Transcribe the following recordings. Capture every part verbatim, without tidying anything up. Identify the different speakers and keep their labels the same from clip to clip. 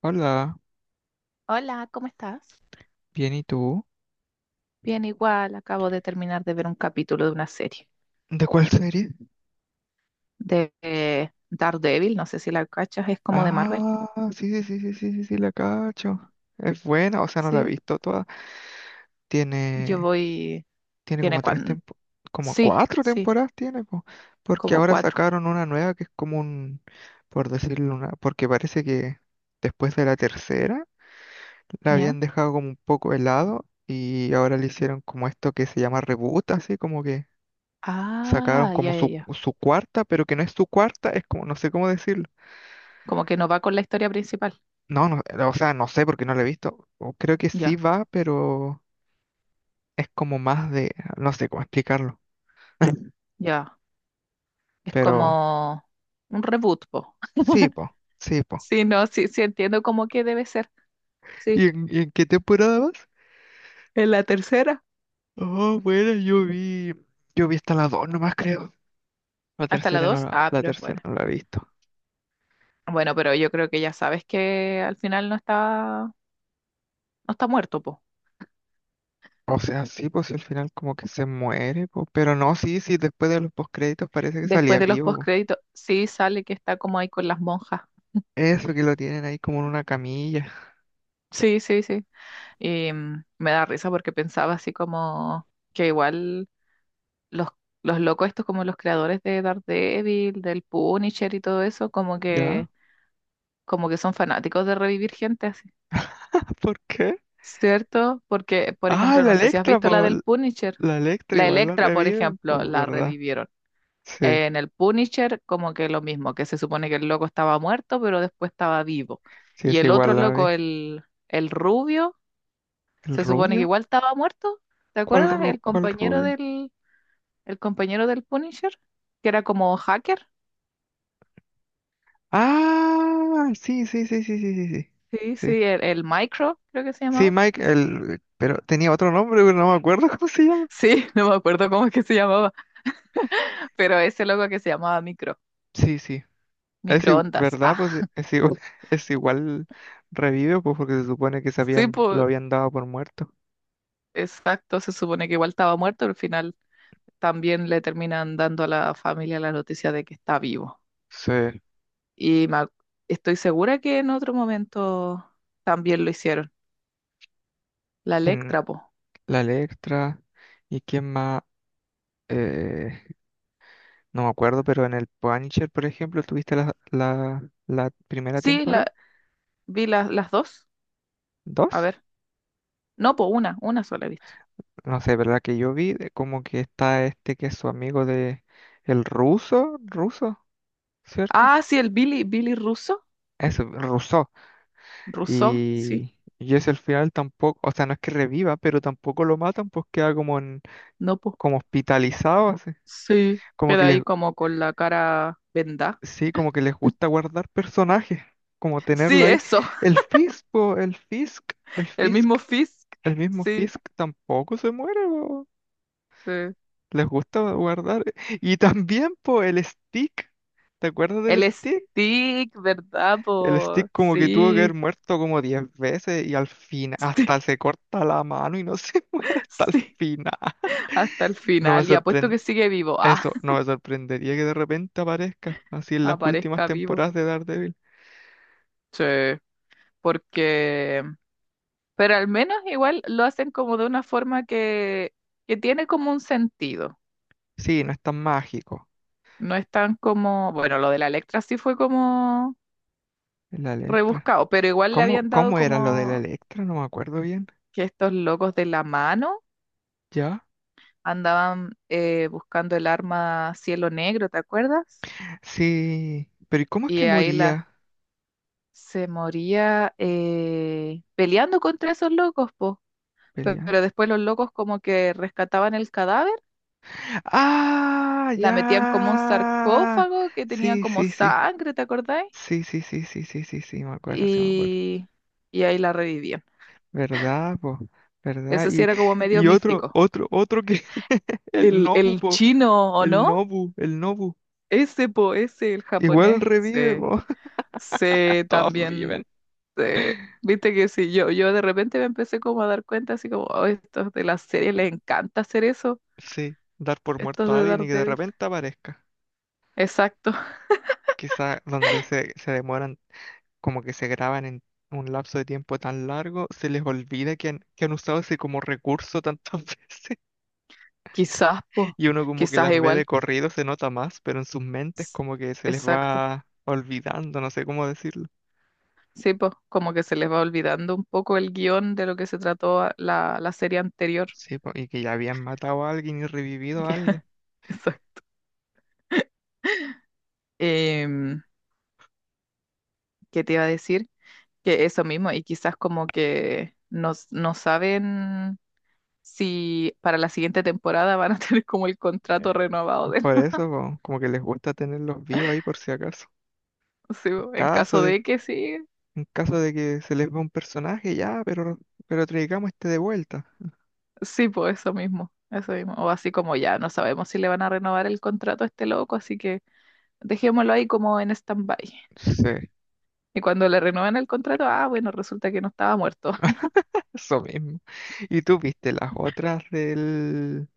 Speaker 1: Hola,
Speaker 2: Hola, ¿cómo estás?
Speaker 1: bien, ¿y tú?
Speaker 2: Bien, igual, acabo de terminar de ver un capítulo de una serie
Speaker 1: ¿De cuál serie?
Speaker 2: de eh, Daredevil, no sé si la cachas, es como de Marvel.
Speaker 1: Ah, sí, sí, sí, sí, sí, sí, sí, la cacho. Es buena, o sea, no la he
Speaker 2: Sí,
Speaker 1: visto toda.
Speaker 2: yo
Speaker 1: Tiene,
Speaker 2: voy,
Speaker 1: tiene como
Speaker 2: tiene
Speaker 1: tres
Speaker 2: cuan,
Speaker 1: tempo, como
Speaker 2: sí,
Speaker 1: cuatro
Speaker 2: sí,
Speaker 1: temporadas tiene, po, porque
Speaker 2: como
Speaker 1: ahora
Speaker 2: cuatro,
Speaker 1: sacaron una nueva que es como un, por decirlo una, porque parece que después de la tercera la
Speaker 2: ¿ya?
Speaker 1: habían dejado como un poco helado y ahora le hicieron como esto que se llama reboot, así como que sacaron
Speaker 2: Ah, ya,
Speaker 1: como
Speaker 2: ya,
Speaker 1: su,
Speaker 2: ya.
Speaker 1: su cuarta, pero que no es su cuarta, es como, no sé cómo decirlo.
Speaker 2: Como que no va con la historia principal,
Speaker 1: No, no, eh, o sea, no sé porque no lo he visto. O creo que sí
Speaker 2: ya,
Speaker 1: va, pero es como más de, no sé cómo explicarlo.
Speaker 2: ya. Es
Speaker 1: Pero
Speaker 2: como un reboot, po.
Speaker 1: sí, po, sí, po.
Speaker 2: Sí, no, sí, sí entiendo cómo que debe ser, sí.
Speaker 1: ¿Y en, y en qué temporada vas?
Speaker 2: En la tercera.
Speaker 1: Oh, bueno, yo vi, yo vi hasta la dos nomás creo. La
Speaker 2: Hasta la
Speaker 1: tercera no
Speaker 2: dos,
Speaker 1: la,
Speaker 2: ah,
Speaker 1: la
Speaker 2: pero es
Speaker 1: tercera
Speaker 2: buena.
Speaker 1: no la he visto.
Speaker 2: Bueno, pero yo creo que ya sabes que al final no está. No está muerto, po.
Speaker 1: O sea, sí, pues al final como que se muere, po. Pero no, sí, sí, después de los postcréditos parece que
Speaker 2: Después
Speaker 1: salía
Speaker 2: de los
Speaker 1: vivo, po.
Speaker 2: postcréditos, sí sale que está como ahí con las monjas.
Speaker 1: Eso que lo tienen ahí como en una camilla.
Speaker 2: Sí, sí, sí. Y mm, me da risa porque pensaba así como que igual los, los locos estos, como los creadores de Daredevil, del Punisher y todo eso, como
Speaker 1: ¿Ya?
Speaker 2: que, como que son fanáticos de revivir gente así.
Speaker 1: ¿Por qué?
Speaker 2: ¿Cierto? Porque, por
Speaker 1: Ah,
Speaker 2: ejemplo,
Speaker 1: la
Speaker 2: no sé si has
Speaker 1: Electra,
Speaker 2: visto la
Speaker 1: po.
Speaker 2: del Punisher.
Speaker 1: La Electra
Speaker 2: La
Speaker 1: igual la
Speaker 2: Electra, por
Speaker 1: reviven,
Speaker 2: ejemplo,
Speaker 1: pues,
Speaker 2: la
Speaker 1: ¿verdad?
Speaker 2: revivieron.
Speaker 1: Sí,
Speaker 2: En el Punisher, como que lo mismo, que se supone que el loco estaba muerto, pero después estaba vivo.
Speaker 1: sí
Speaker 2: Y
Speaker 1: es
Speaker 2: el otro
Speaker 1: igual la
Speaker 2: loco,
Speaker 1: vi.
Speaker 2: el, el rubio,
Speaker 1: ¿El
Speaker 2: se supone que
Speaker 1: rubio?
Speaker 2: igual estaba muerto. ¿Te
Speaker 1: ¿Cuál,
Speaker 2: acuerdas?
Speaker 1: ru-
Speaker 2: El
Speaker 1: cuál
Speaker 2: compañero
Speaker 1: rubio?
Speaker 2: del, el compañero del Punisher, que era como hacker.
Speaker 1: Ah, sí, sí, sí, sí, sí, sí, sí.
Speaker 2: Sí,
Speaker 1: Sí,
Speaker 2: sí, el, el Micro, creo que se
Speaker 1: sí,
Speaker 2: llamaba.
Speaker 1: Mike, el... pero tenía otro nombre, pero no me acuerdo cómo se llama.
Speaker 2: Sí, no me acuerdo cómo es que se llamaba, pero ese loco que se llamaba Micro,
Speaker 1: Sí, sí, es igual,
Speaker 2: microondas.
Speaker 1: ¿verdad? Pues
Speaker 2: Ah,
Speaker 1: e, es igual, es igual revive, pues porque se supone que se
Speaker 2: sí,
Speaker 1: habían, lo
Speaker 2: pues,
Speaker 1: habían dado por muerto.
Speaker 2: exacto, se supone que igual estaba muerto, al final también le terminan dando a la familia la noticia de que está vivo.
Speaker 1: Sí,
Speaker 2: Y me ac- estoy segura que en otro momento también lo hicieron. La
Speaker 1: en
Speaker 2: Electra, po.
Speaker 1: la Electra, ¿y quién más? Eh, No me acuerdo, pero en el Punisher, por ejemplo, tuviste la, la, la primera
Speaker 2: Sí,
Speaker 1: temporada,
Speaker 2: la, vi las las dos. A
Speaker 1: dos,
Speaker 2: ver. No, po, una, una sola he visto.
Speaker 1: no sé, ¿verdad? Que yo vi, de como que está este que es su amigo de el ruso, ruso, ¿cierto?
Speaker 2: Ah, sí, el Billy, Billy Russo.
Speaker 1: Eso ruso.
Speaker 2: Russo, sí.
Speaker 1: Y, y es el final tampoco, o sea, no es que reviva, pero tampoco lo matan, pues queda como en,
Speaker 2: No, po.
Speaker 1: como hospitalizado, así.
Speaker 2: Sí,
Speaker 1: Como que
Speaker 2: queda
Speaker 1: les,
Speaker 2: ahí como con la cara vendada.
Speaker 1: sí, como que les gusta guardar personajes, como tenerlo
Speaker 2: Sí,
Speaker 1: ahí.
Speaker 2: eso.
Speaker 1: El Fisk, po, el Fisk, el
Speaker 2: El
Speaker 1: Fisk.
Speaker 2: mismo Fisk.
Speaker 1: El mismo
Speaker 2: Sí,
Speaker 1: Fisk tampoco se muere, po.
Speaker 2: sí.
Speaker 1: Les gusta guardar. Y también, po, el Stick. ¿Te acuerdas del
Speaker 2: El
Speaker 1: Stick?
Speaker 2: Stick, ¿verdad,
Speaker 1: El
Speaker 2: po?
Speaker 1: Stick como que tuvo que haber
Speaker 2: Sí,
Speaker 1: muerto como diez veces y al final
Speaker 2: sí.
Speaker 1: hasta se corta la mano y no se muere hasta el
Speaker 2: Sí.
Speaker 1: final.
Speaker 2: Hasta el
Speaker 1: No me
Speaker 2: final y apuesto
Speaker 1: sorprende.
Speaker 2: que sigue vivo. Ah,
Speaker 1: Eso, no me sorprendería que de repente aparezca así en las últimas
Speaker 2: aparezca vivo.
Speaker 1: temporadas de Daredevil.
Speaker 2: Sí, porque... Pero al menos igual lo hacen como de una forma que, que tiene como un sentido.
Speaker 1: Sí, no es tan mágico.
Speaker 2: No es tan como... Bueno, lo de la Electra sí fue como
Speaker 1: La Electra.
Speaker 2: rebuscado, pero igual le
Speaker 1: ¿Cómo,
Speaker 2: habían dado
Speaker 1: cómo era lo de la
Speaker 2: como
Speaker 1: Electra? No me acuerdo bien.
Speaker 2: que estos locos de la mano
Speaker 1: ¿Ya?
Speaker 2: andaban eh, buscando el arma Cielo Negro, ¿te acuerdas?
Speaker 1: Sí. Pero ¿y cómo es
Speaker 2: Y
Speaker 1: que
Speaker 2: ahí
Speaker 1: moría?
Speaker 2: la... Se moría eh, peleando contra esos locos, po. Pe-
Speaker 1: Pelean.
Speaker 2: Pero después los locos como que rescataban el cadáver,
Speaker 1: ¡Ah!
Speaker 2: la metían como un
Speaker 1: ¡Ya!
Speaker 2: sarcófago que tenía
Speaker 1: Sí,
Speaker 2: como
Speaker 1: sí, sí.
Speaker 2: sangre, ¿te acordáis?
Speaker 1: Sí, sí, sí, sí, sí, sí, sí, me acuerdo, sí, me acuerdo.
Speaker 2: Y, y ahí la revivían.
Speaker 1: ¿Verdad, po? ¿Verdad?
Speaker 2: Eso sí
Speaker 1: Y,
Speaker 2: era como medio
Speaker 1: y otro,
Speaker 2: místico.
Speaker 1: otro, otro que. El
Speaker 2: El,
Speaker 1: Nobu,
Speaker 2: el
Speaker 1: po.
Speaker 2: chino, ¿o
Speaker 1: El
Speaker 2: no?
Speaker 1: Nobu, el Nobu.
Speaker 2: Ese, po, ese, el
Speaker 1: Igual
Speaker 2: japonés,
Speaker 1: revive,
Speaker 2: se,
Speaker 1: po.
Speaker 2: se
Speaker 1: Todos
Speaker 2: también,
Speaker 1: viven.
Speaker 2: se- viste que sí, yo, yo de repente me empecé como a dar cuenta, así como, oh, estos de la serie les encanta hacer eso,
Speaker 1: Sí, dar por
Speaker 2: estos
Speaker 1: muerto a
Speaker 2: de
Speaker 1: alguien y que de
Speaker 2: Daredevil.
Speaker 1: repente aparezca.
Speaker 2: Exacto,
Speaker 1: Quizá donde se, se demoran, como que se graban en un lapso de tiempo tan largo, se les olvida que han, que han usado ese como recurso tantas veces.
Speaker 2: quizás, po,
Speaker 1: Y uno como que
Speaker 2: quizás
Speaker 1: las ve de
Speaker 2: igual.
Speaker 1: corrido, se nota más, pero en sus mentes
Speaker 2: S-
Speaker 1: como que se les
Speaker 2: Exacto.
Speaker 1: va olvidando, no sé cómo decirlo.
Speaker 2: Sí, pues como que se les va olvidando un poco el guión de lo que se trató a- la, la serie anterior.
Speaker 1: Sí, po, y que ya habían matado a alguien y
Speaker 2: Y
Speaker 1: revivido a
Speaker 2: que-
Speaker 1: alguien.
Speaker 2: eso. Em, ¿Qué te iba a decir? Que eso mismo, y quizás como que no, no saben si para la siguiente temporada van a tener como el
Speaker 1: Eh,
Speaker 2: contrato renovado de
Speaker 1: Por
Speaker 2: nuevo,
Speaker 1: eso, po, como que les gusta tenerlos vivos ahí por si acaso.
Speaker 2: sí, po, en
Speaker 1: Caso
Speaker 2: caso
Speaker 1: de,
Speaker 2: de que sí,
Speaker 1: en caso de que se les va un personaje, ya, pero, pero traigamos este de vuelta.
Speaker 2: sí, pues eso mismo, eso mismo. O así como ya, no sabemos si le van a renovar el contrato a este loco, así que dejémoslo ahí como en stand-by.
Speaker 1: Sí,
Speaker 2: Y cuando le renuevan el contrato, ah, bueno, resulta que no estaba muerto.
Speaker 1: eso mismo. ¿Y tú viste las otras del...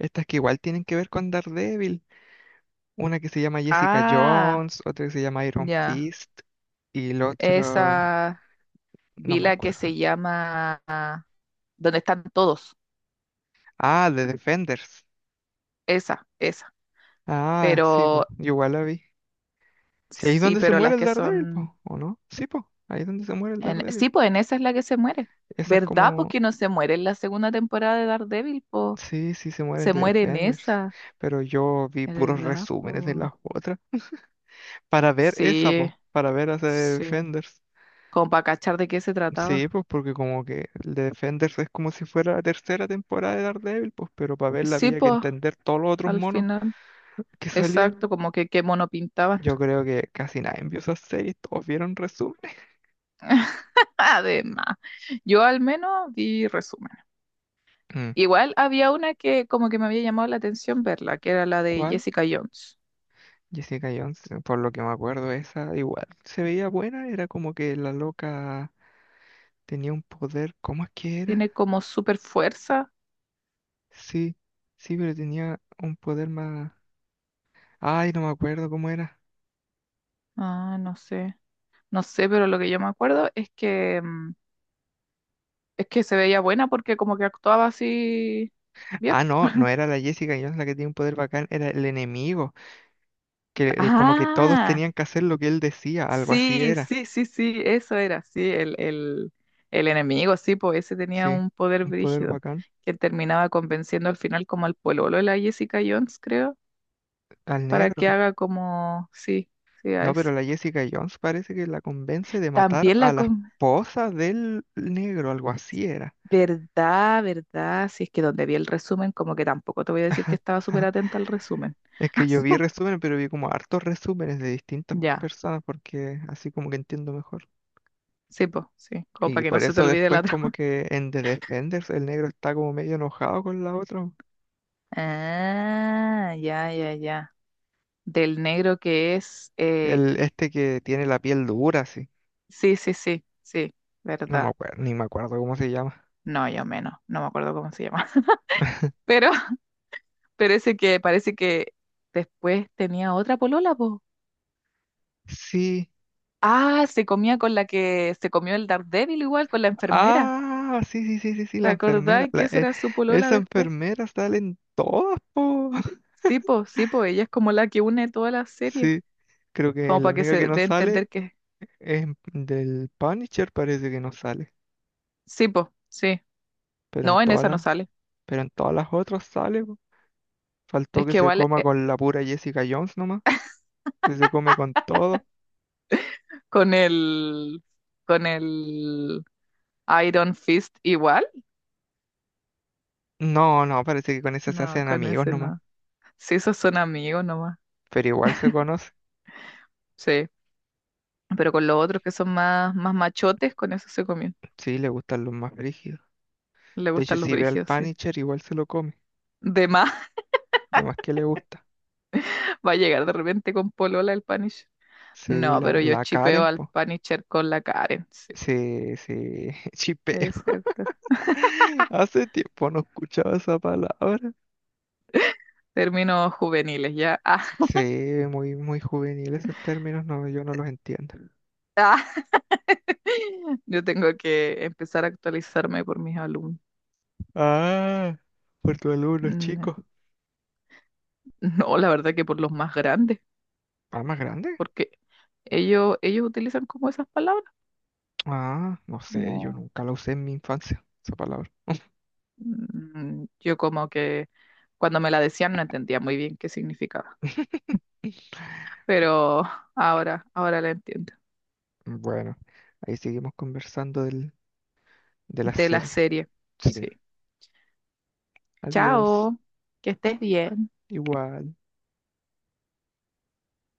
Speaker 1: estas que igual tienen que ver con Daredevil? Una que se llama Jessica
Speaker 2: Ah,
Speaker 1: Jones, otra que se llama Iron
Speaker 2: ya.
Speaker 1: Fist y el otro,
Speaker 2: Esa
Speaker 1: no me
Speaker 2: vila que
Speaker 1: acuerdo.
Speaker 2: se llama ah, donde están todos.
Speaker 1: Ah, The Defenders.
Speaker 2: Esa, esa.
Speaker 1: Ah, sí, po,
Speaker 2: Pero
Speaker 1: yo igual la vi. Sí, ahí es
Speaker 2: sí,
Speaker 1: donde se
Speaker 2: pero
Speaker 1: muere
Speaker 2: las
Speaker 1: el
Speaker 2: que
Speaker 1: Daredevil,
Speaker 2: son
Speaker 1: po, ¿o no? Sí, po, ahí es donde se muere el
Speaker 2: en-
Speaker 1: Daredevil.
Speaker 2: sí, pues en esa es la que se muere.
Speaker 1: Esa es
Speaker 2: ¿Verdad? Pues
Speaker 1: como,
Speaker 2: que no se muere en la segunda temporada de Daredevil, pues
Speaker 1: sí, sí se mueren
Speaker 2: se
Speaker 1: The
Speaker 2: muere en
Speaker 1: Defenders,
Speaker 2: esa.
Speaker 1: pero yo vi puros
Speaker 2: ¿Verdad?
Speaker 1: resúmenes de
Speaker 2: Pues
Speaker 1: las otras para ver esa,
Speaker 2: sí,
Speaker 1: po, para ver a The
Speaker 2: sí.
Speaker 1: Defenders.
Speaker 2: Como para cachar de qué se
Speaker 1: Sí,
Speaker 2: trataba.
Speaker 1: pues porque como que el de Defenders es como si fuera la tercera temporada de Daredevil, pues, pero para verla
Speaker 2: Sí,
Speaker 1: había que
Speaker 2: pues
Speaker 1: entender todos los otros
Speaker 2: al
Speaker 1: monos
Speaker 2: final.
Speaker 1: que
Speaker 2: Exacto,
Speaker 1: salían.
Speaker 2: como que qué mono pintaban.
Speaker 1: Yo creo que casi nadie vio esas series, todos vieron resúmenes.
Speaker 2: Además, yo al menos vi resumen.
Speaker 1: Mm.
Speaker 2: Igual había una que como que me había llamado la atención verla, que era la de
Speaker 1: ¿Cuál?
Speaker 2: Jessica Jones.
Speaker 1: Jessica Jones, por lo que me acuerdo, esa igual se veía buena, era como que la loca tenía un poder, ¿cómo es que
Speaker 2: Tiene
Speaker 1: era?
Speaker 2: como super fuerza.
Speaker 1: Sí, sí, pero tenía un poder más... ay, no me acuerdo cómo era.
Speaker 2: Ah, no sé. No sé, pero lo que yo me acuerdo es que mm, es que se veía buena porque como que actuaba así bien.
Speaker 1: Ah, no, no era la Jessica Jones la que tenía un poder bacán, era el enemigo. Que eh, como que todos
Speaker 2: Ah,
Speaker 1: tenían que hacer lo que él decía, algo así
Speaker 2: sí,
Speaker 1: era.
Speaker 2: sí, sí, sí, eso era, sí, el, el, el enemigo, sí, pues ese tenía
Speaker 1: Sí,
Speaker 2: un poder
Speaker 1: un poder
Speaker 2: brígido
Speaker 1: bacán.
Speaker 2: que terminaba convenciendo al final como al pololo de la Jessica Jones, creo
Speaker 1: Al
Speaker 2: para
Speaker 1: negro.
Speaker 2: que haga como, sí, sí, a
Speaker 1: No,
Speaker 2: ese.
Speaker 1: pero la Jessica Jones parece que la convence de matar
Speaker 2: También
Speaker 1: a
Speaker 2: la
Speaker 1: la
Speaker 2: con...
Speaker 1: esposa del negro, algo así era.
Speaker 2: Verdad, verdad, si es que donde vi el resumen, como que tampoco te voy a decir que estaba súper atenta al resumen.
Speaker 1: Es que yo vi resúmenes, pero vi como hartos resúmenes de distintas
Speaker 2: Ya,
Speaker 1: personas porque así como que entiendo mejor.
Speaker 2: sí, pues, sí, como
Speaker 1: Y
Speaker 2: para que no
Speaker 1: por
Speaker 2: se te
Speaker 1: eso
Speaker 2: olvide
Speaker 1: después
Speaker 2: la
Speaker 1: como
Speaker 2: trama.
Speaker 1: que en The Defenders el negro está como medio enojado con la otra.
Speaker 2: Ah, ya, ya, ya. Del negro que es, eh,
Speaker 1: El este que tiene la piel dura, así.
Speaker 2: sí, sí, sí, sí,
Speaker 1: No me
Speaker 2: verdad.
Speaker 1: acuerdo, ni me acuerdo cómo se llama.
Speaker 2: No, yo menos, no me acuerdo cómo se llama. Pero, pero ese que parece que después tenía otra polola, pues.
Speaker 1: Sí,
Speaker 2: Ah, se comía con la que se comió el Daredevil igual, con la enfermera.
Speaker 1: ah, sí, sí, sí, sí, sí,
Speaker 2: ¿Te
Speaker 1: la enfermera.
Speaker 2: acordás que
Speaker 1: La-
Speaker 2: esa
Speaker 1: e-
Speaker 2: era su polola
Speaker 1: esa
Speaker 2: después?
Speaker 1: enfermera sale en todas, po.
Speaker 2: Sí, po, sí, po, ella es como la que une toda la serie,
Speaker 1: Sí, creo que
Speaker 2: como
Speaker 1: la
Speaker 2: para que
Speaker 1: única que
Speaker 2: se
Speaker 1: no
Speaker 2: dé a
Speaker 1: sale
Speaker 2: entender que...
Speaker 1: es en- del Punisher, parece que no sale.
Speaker 2: Sí, po, sí.
Speaker 1: Pero en
Speaker 2: No, en
Speaker 1: todas
Speaker 2: esa no
Speaker 1: las,
Speaker 2: sale.
Speaker 1: pero en todas las otras sale, po. Faltó
Speaker 2: Es
Speaker 1: que
Speaker 2: que
Speaker 1: se
Speaker 2: igual
Speaker 1: coma
Speaker 2: eh,
Speaker 1: con la pura Jessica Jones nomás. Que se come con todo.
Speaker 2: con el... con el Iron Fist igual.
Speaker 1: No, no, parece que con esa se
Speaker 2: No,
Speaker 1: hacen
Speaker 2: con
Speaker 1: amigos
Speaker 2: ese
Speaker 1: nomás.
Speaker 2: no. Sí, esos son amigos nomás.
Speaker 1: Pero igual se conoce.
Speaker 2: Sí, pero con los otros que son más, más machotes, con eso se comió.
Speaker 1: Sí, le gustan los más brígidos.
Speaker 2: Le
Speaker 1: De hecho,
Speaker 2: gustan los
Speaker 1: si ve al
Speaker 2: brígidos, sí.
Speaker 1: Punisher, igual se lo come.
Speaker 2: De más.
Speaker 1: De más que le gusta.
Speaker 2: Va a llegar de repente con polola el Punisher.
Speaker 1: Sí,
Speaker 2: No, pero
Speaker 1: la,
Speaker 2: yo
Speaker 1: la
Speaker 2: chipeo
Speaker 1: Karen,
Speaker 2: al
Speaker 1: po.
Speaker 2: Punisher con la Karen, sí.
Speaker 1: Sí, sí,
Speaker 2: Es
Speaker 1: chipeo.
Speaker 2: cierto.
Speaker 1: Hace tiempo no escuchaba esa palabra.
Speaker 2: Términos juveniles, ya. Ah,
Speaker 1: Sí, muy, muy juvenil esos términos, no, yo no los entiendo.
Speaker 2: ah. Yo tengo que empezar a actualizarme por mis alumnos.
Speaker 1: Ah, por tu alumno,
Speaker 2: Mm,
Speaker 1: chico.
Speaker 2: no, la verdad que por los más grandes,
Speaker 1: ¿Ah, más grande?
Speaker 2: porque ellos, ellos utilizan como esas palabras,
Speaker 1: Ah, no sé, yo
Speaker 2: como
Speaker 1: nunca la usé en mi infancia, esa palabra.
Speaker 2: mm, yo como que cuando me la decían no entendía muy bien qué significaba, pero ahora, ahora la entiendo.
Speaker 1: Bueno, ahí seguimos conversando del, de la
Speaker 2: De la
Speaker 1: serie.
Speaker 2: serie,
Speaker 1: Sí.
Speaker 2: sí.
Speaker 1: Adiós.
Speaker 2: Chao, que estés bien.
Speaker 1: Igual.